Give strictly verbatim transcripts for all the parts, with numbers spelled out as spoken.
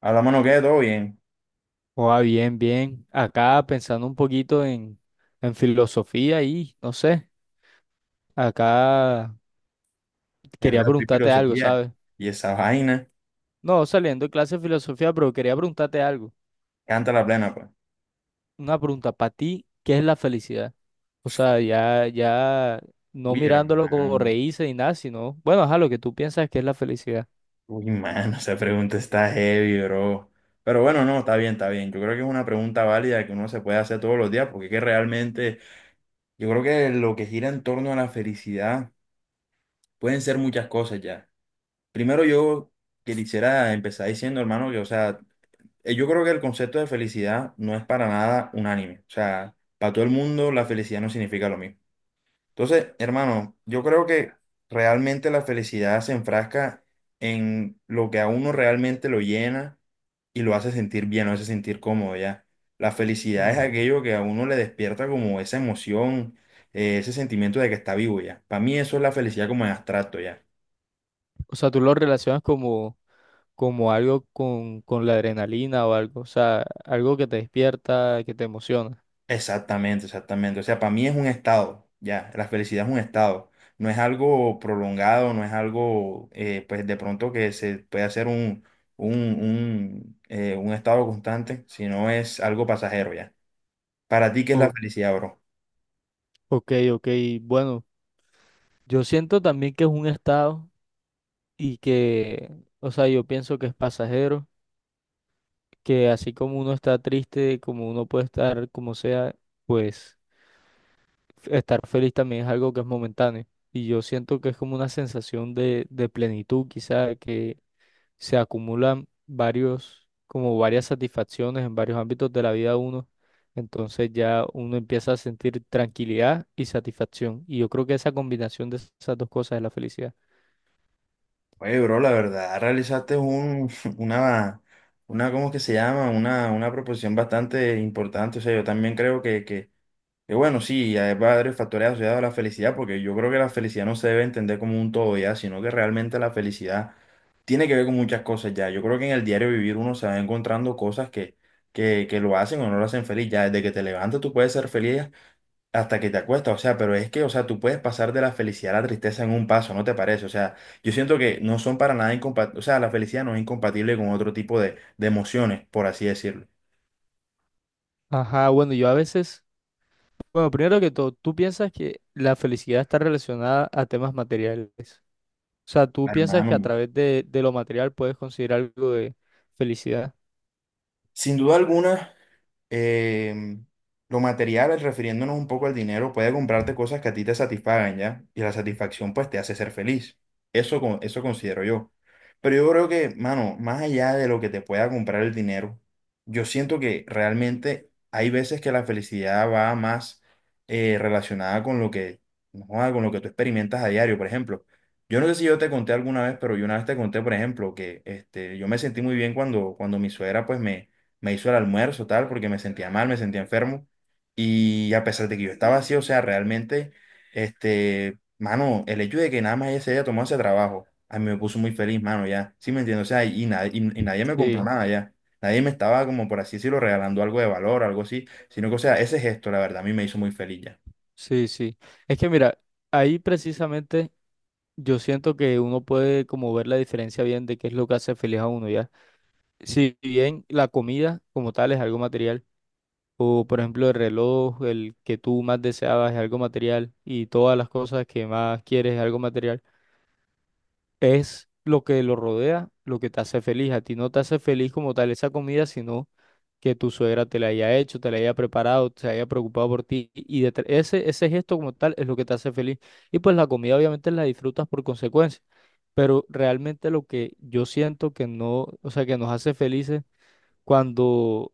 A la mano queda todo bien. Oh, bien, bien. Acá pensando un poquito en, en filosofía y no sé, acá Es de quería otra preguntarte algo, filosofía. ¿sabes? Y esa vaina, No, saliendo de clase de filosofía, pero quería preguntarte algo. canta la plena, pues. Una pregunta para ti, ¿qué es la felicidad? O sea, ya, ya no Uy, mirándolo como hermano. reírse ni nada, sino, bueno, ajá, lo que tú piensas que es la felicidad. Uy, mano, esa pregunta está heavy, bro. Pero bueno, no, está bien, está bien. Yo creo que es una pregunta válida que uno se puede hacer todos los días, porque es que realmente, yo creo que lo que gira en torno a la felicidad pueden ser muchas cosas ya. Primero, yo que quisiera empezar diciendo, hermano, que, o sea, eh, yo creo que el concepto de felicidad no es para nada unánime. O sea, para todo el mundo la felicidad no significa lo mismo. Entonces, hermano, yo creo que realmente la felicidad se enfrasca en lo que a uno realmente lo llena y lo hace sentir bien, lo hace sentir cómodo ya. La felicidad es Ujú. aquello que a uno le despierta como esa emoción, eh, ese sentimiento de que está vivo ya. Para mí eso es la felicidad como en abstracto ya. O sea, tú lo relacionas como, como algo con, con la adrenalina o algo, o sea, algo que te despierta, que te emociona. Exactamente, exactamente. O sea, para mí es un estado, ya, la felicidad es un estado. No es algo prolongado, no es algo, eh, pues de pronto que se puede hacer un, un, un, eh, un estado constante, sino es algo pasajero, ya. Para ti, ¿qué es la O- felicidad, bro? Ok, ok, bueno. Yo siento también que es un estado y que, o sea, yo pienso que es pasajero, que así como uno está triste, como uno puede estar como sea, pues f- estar feliz también es algo que es momentáneo. Y yo siento que es como una sensación de, de plenitud, quizá, que se acumulan varios, como varias satisfacciones en varios ámbitos de la vida de uno. Entonces ya uno empieza a sentir tranquilidad y satisfacción. Y yo creo que esa combinación de esas dos cosas es la felicidad. Oye, bro, la verdad, realizaste un, una, una, ¿cómo que se llama? Una, una proposición bastante importante. O sea, yo también creo que, que Y bueno, sí, ya hay varios factores asociados a la felicidad, porque yo creo que la felicidad no se debe entender como un todo ya, sino que realmente la felicidad tiene que ver con muchas cosas ya. Yo creo que en el diario vivir uno se va encontrando cosas que, que, que lo hacen o no lo hacen feliz. Ya desde que te levantas tú puedes ser feliz hasta que te acuestas. O sea, pero es que, o sea, tú puedes pasar de la felicidad a la tristeza en un paso, ¿no te parece? O sea, yo siento que no son para nada incompatibles, o sea, la felicidad no es incompatible con otro tipo de, de emociones, por así decirlo. Ajá, bueno, yo a veces bueno, primero que todo, tú piensas que la felicidad está relacionada a temas materiales. O sea, tú piensas que a Hermano. través de, de lo material puedes conseguir algo de felicidad. Sin duda alguna, em, lo material, refiriéndonos un poco al dinero, puede comprarte cosas que a ti te satisfagan, ¿ya? Y la satisfacción, pues, te hace ser feliz. Eso, con- eso considero yo. Pero yo creo que, mano, más allá de lo que te pueda comprar el dinero, yo siento que realmente hay veces que la felicidad va más eh, relacionada con lo que, no, con lo que tú experimentas a diario, por ejemplo. Yo no sé si yo te conté alguna vez, pero yo una vez te conté, por ejemplo, que este, yo me sentí muy bien cuando, cuando mi suegra, pues, me me hizo el almuerzo, tal, porque me sentía mal, me sentía enfermo. Y a pesar de que yo estaba así, o sea, realmente, este, mano, el hecho de que nada más ella se haya tomado ese trabajo, a mí me puso muy feliz, mano, ya. ¿Sí me entiendes? O sea, y, nadie y, y nadie me compró Sí, nada ya. Nadie me estaba, como por así decirlo, regalando algo de valor, algo así, sino que, o sea, ese gesto, la verdad, a mí me hizo muy feliz ya. sí, sí. Es que mira, ahí precisamente yo siento que uno puede como ver la diferencia bien de qué es lo que hace feliz a uno, ¿ya? Si bien la comida como tal es algo material, o por ejemplo el reloj, el que tú más deseabas es algo material, y todas las cosas que más quieres es algo material. Es lo que lo rodea, lo que te hace feliz. A ti no te hace feliz como tal esa comida, sino que tu suegra te la haya hecho, te la haya preparado, se haya preocupado por ti. Y detr- ese, ese gesto como tal es lo que te hace feliz. Y pues la comida obviamente la disfrutas por consecuencia. Pero realmente lo que yo siento que no, o sea, que nos hace felices cuando,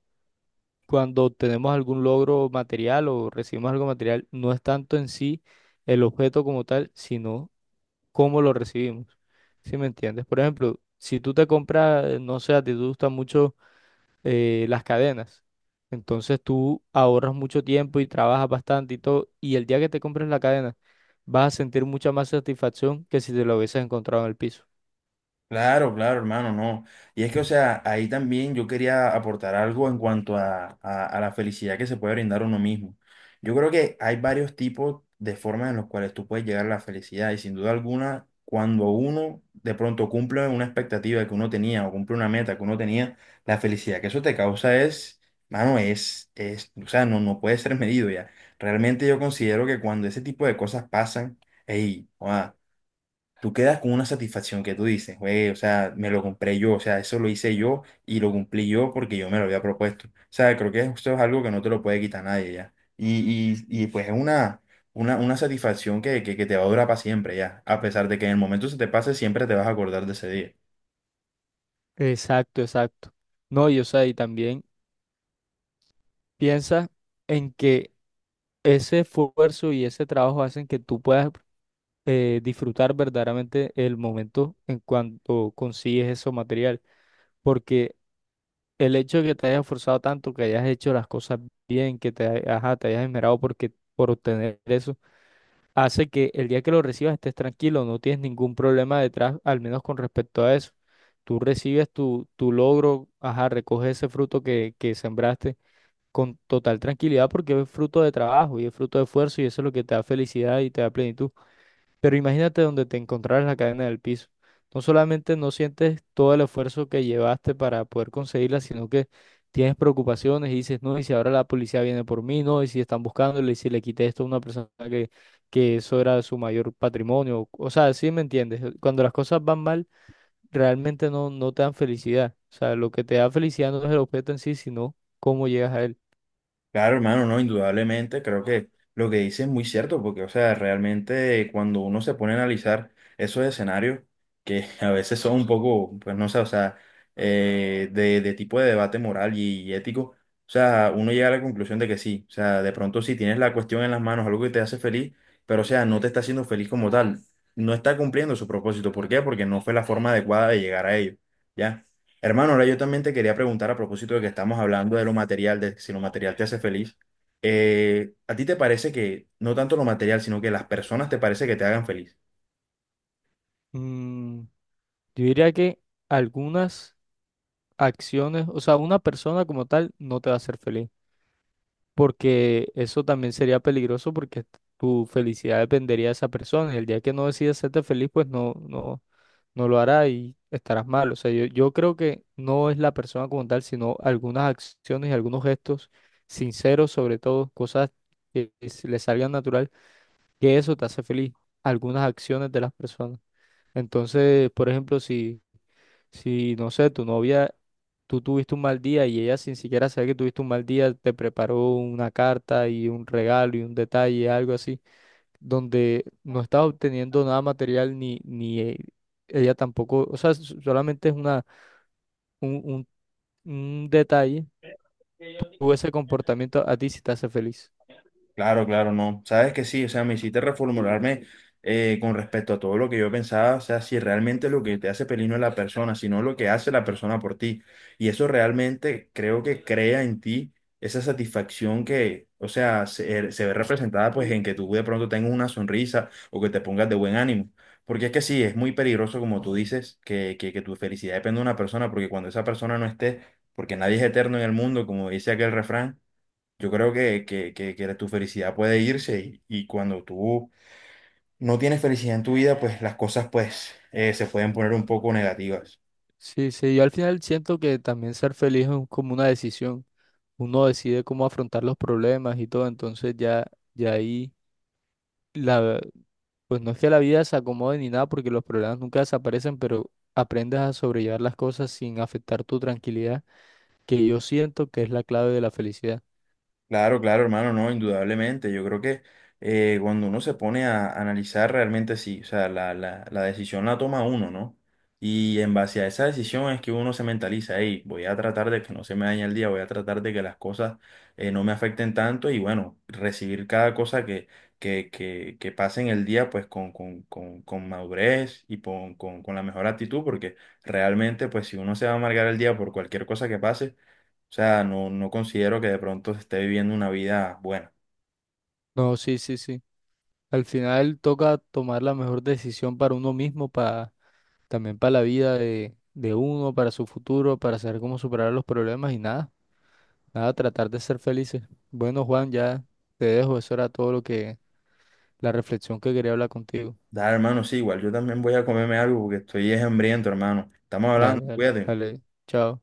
cuando tenemos algún logro material o recibimos algo material, no es tanto en sí el objeto como tal, sino cómo lo recibimos. ¿Sí me entiendes? Por ejemplo, si tú te compras, no sé, a ti te gustan mucho eh, las cadenas, entonces tú ahorras mucho tiempo y trabajas bastante y todo, y el día que te compres la cadena vas a sentir mucha más satisfacción que si te lo hubieses encontrado en el piso. Claro, claro, hermano, no. Y es que, o sea, ahí también yo quería aportar algo en cuanto a, a- a la felicidad que se puede brindar uno mismo. Yo creo que hay varios tipos de formas en las cuales tú puedes llegar a la felicidad y sin duda alguna, cuando uno de pronto cumple una expectativa que uno tenía o cumple una meta que uno tenía, la felicidad que eso te causa es, mano, es, es, o sea, no, no puede ser medido ya. Realmente yo considero que cuando ese tipo de cosas pasan, hey, tú quedas con una satisfacción que tú dices, güey, o sea, me lo compré yo, o sea, eso lo hice yo y lo cumplí yo porque yo me lo había propuesto. O sea, creo que esto es algo que no te lo puede quitar nadie ya. Y, y, y pues es una, una, una satisfacción que, que, que te va a durar para siempre ya. A pesar de que en el momento se te pase, siempre te vas a acordar de ese día. Exacto, exacto. No, y o sea, y también piensa en que ese esfuerzo y ese trabajo hacen que tú puedas eh, disfrutar verdaderamente el momento en cuanto consigues ese material. Porque el hecho de que te hayas esforzado tanto, que hayas hecho las cosas bien, que te, ha- ajá, te hayas esmerado porque, por obtener eso, hace que el día que lo recibas estés tranquilo, no tienes ningún problema detrás, al menos con respecto a eso. Tú recibes tu, tu logro, ajá, recoges ese fruto que, que sembraste con total tranquilidad porque es fruto de trabajo y es fruto de esfuerzo y eso es lo que te da felicidad y te da plenitud. Pero imagínate donde te encontraras la cadena del piso. No solamente no sientes todo el esfuerzo que llevaste para poder conseguirla, sino que tienes preocupaciones y dices, no, y si ahora la policía viene por mí, no, y si están buscándole, y si le quité esto a una persona que, que eso era su mayor patrimonio. O sea, sí me entiendes. Cuando las cosas van mal, realmente no, no te dan felicidad. O sea, lo que te da felicidad no es el objeto en sí, sino cómo llegas a él. Claro, hermano, no, indudablemente, creo que lo que dice es muy cierto, porque, o sea, realmente cuando uno se pone a analizar esos escenarios, que a veces son un poco, pues no sé, o sea, eh, de, de tipo de debate moral y, y ético, o sea, uno llega a la conclusión de que sí, o sea, de pronto si tienes la cuestión en las manos, algo que te hace feliz, pero, o sea, no te está haciendo feliz como tal, no está cumpliendo su propósito, ¿por qué? Porque no fue la forma adecuada de llegar a ello, ¿ya? Hermano, ahora yo también te quería preguntar a propósito de que estamos hablando de lo material, de si lo material te hace feliz. eh, ¿A ti te parece que no tanto lo material, sino que las personas te parece que te hagan feliz? Mm, yo diría que algunas acciones, o sea, una persona como tal no te va a hacer feliz, porque eso también sería peligroso porque tu felicidad dependería de esa persona y el día que no decidas hacerte feliz, pues no, no, no lo hará y estarás mal. O sea, yo, yo creo que no es la persona como tal, sino algunas acciones y algunos gestos sinceros, sobre todo cosas que s- le salgan natural, que eso te hace feliz, algunas acciones de las personas. Entonces, por ejemplo, si si, no sé, tu novia, tú tuviste un mal día y ella sin siquiera saber que tuviste un mal día, te preparó una carta y un regalo y un detalle, algo así, donde no estás obteniendo nada material ni, ni eh, ella tampoco, o sea, s- solamente es una, un, un, un detalle, tú ese comportamiento a ti sí te hace feliz. Claro, claro, no. Sabes que sí, o sea, me hiciste reformularme eh, con respecto a todo lo que yo pensaba, o sea, si realmente lo que te hace feliz no es la persona, sino lo que hace la persona por ti. Y eso realmente creo que crea en ti esa satisfacción que, o sea, se, se ve representada pues en que tú de pronto tengas una sonrisa o que te pongas de buen ánimo. Porque es que sí, es muy peligroso, como tú dices, que, que, que tu felicidad depende de una persona, porque cuando esa persona no esté, porque nadie es eterno en el mundo, como dice aquel refrán. Yo creo que, que, que, que tu felicidad puede irse y, y cuando tú no tienes felicidad en tu vida, pues las cosas pues eh, se pueden poner un poco negativas. Sí, sí, yo al final siento que también ser feliz es un- como una decisión. Uno decide cómo afrontar los problemas y todo, entonces ya, ya ahí. Pues no es que la vida se acomode ni nada porque los problemas nunca desaparecen, pero aprendes a sobrellevar las cosas sin afectar tu tranquilidad, que yo siento que es la clave de la felicidad. Claro, claro, hermano, no, indudablemente. Yo creo que eh, cuando uno se pone a analizar realmente sí, o sea, la, la, la decisión la toma uno, ¿no? Y en base a esa decisión es que uno se mentaliza, hey, voy a tratar de que no se me dañe el día, voy a tratar de que las cosas eh, no me afecten tanto y bueno, recibir cada cosa que, que, que, que pase en el día pues con, con, con, con madurez y con, con, con la mejor actitud, porque realmente pues si uno se va a amargar el día por cualquier cosa que pase, o sea, no, no considero que de pronto se esté viviendo una vida buena. No, sí, sí, sí. Al final toca tomar la mejor decisión para uno mismo, para también para la vida de, de uno, para su futuro, para saber cómo superar los problemas y nada, nada, tratar de ser felices. Bueno, Juan, ya te dejo. Eso era todo lo que, la reflexión que quería hablar contigo. Da, hermano, sí, igual yo también voy a comerme algo porque estoy es hambriento, hermano. Estamos hablando, Dale, dale, cuídate. dale. Chao.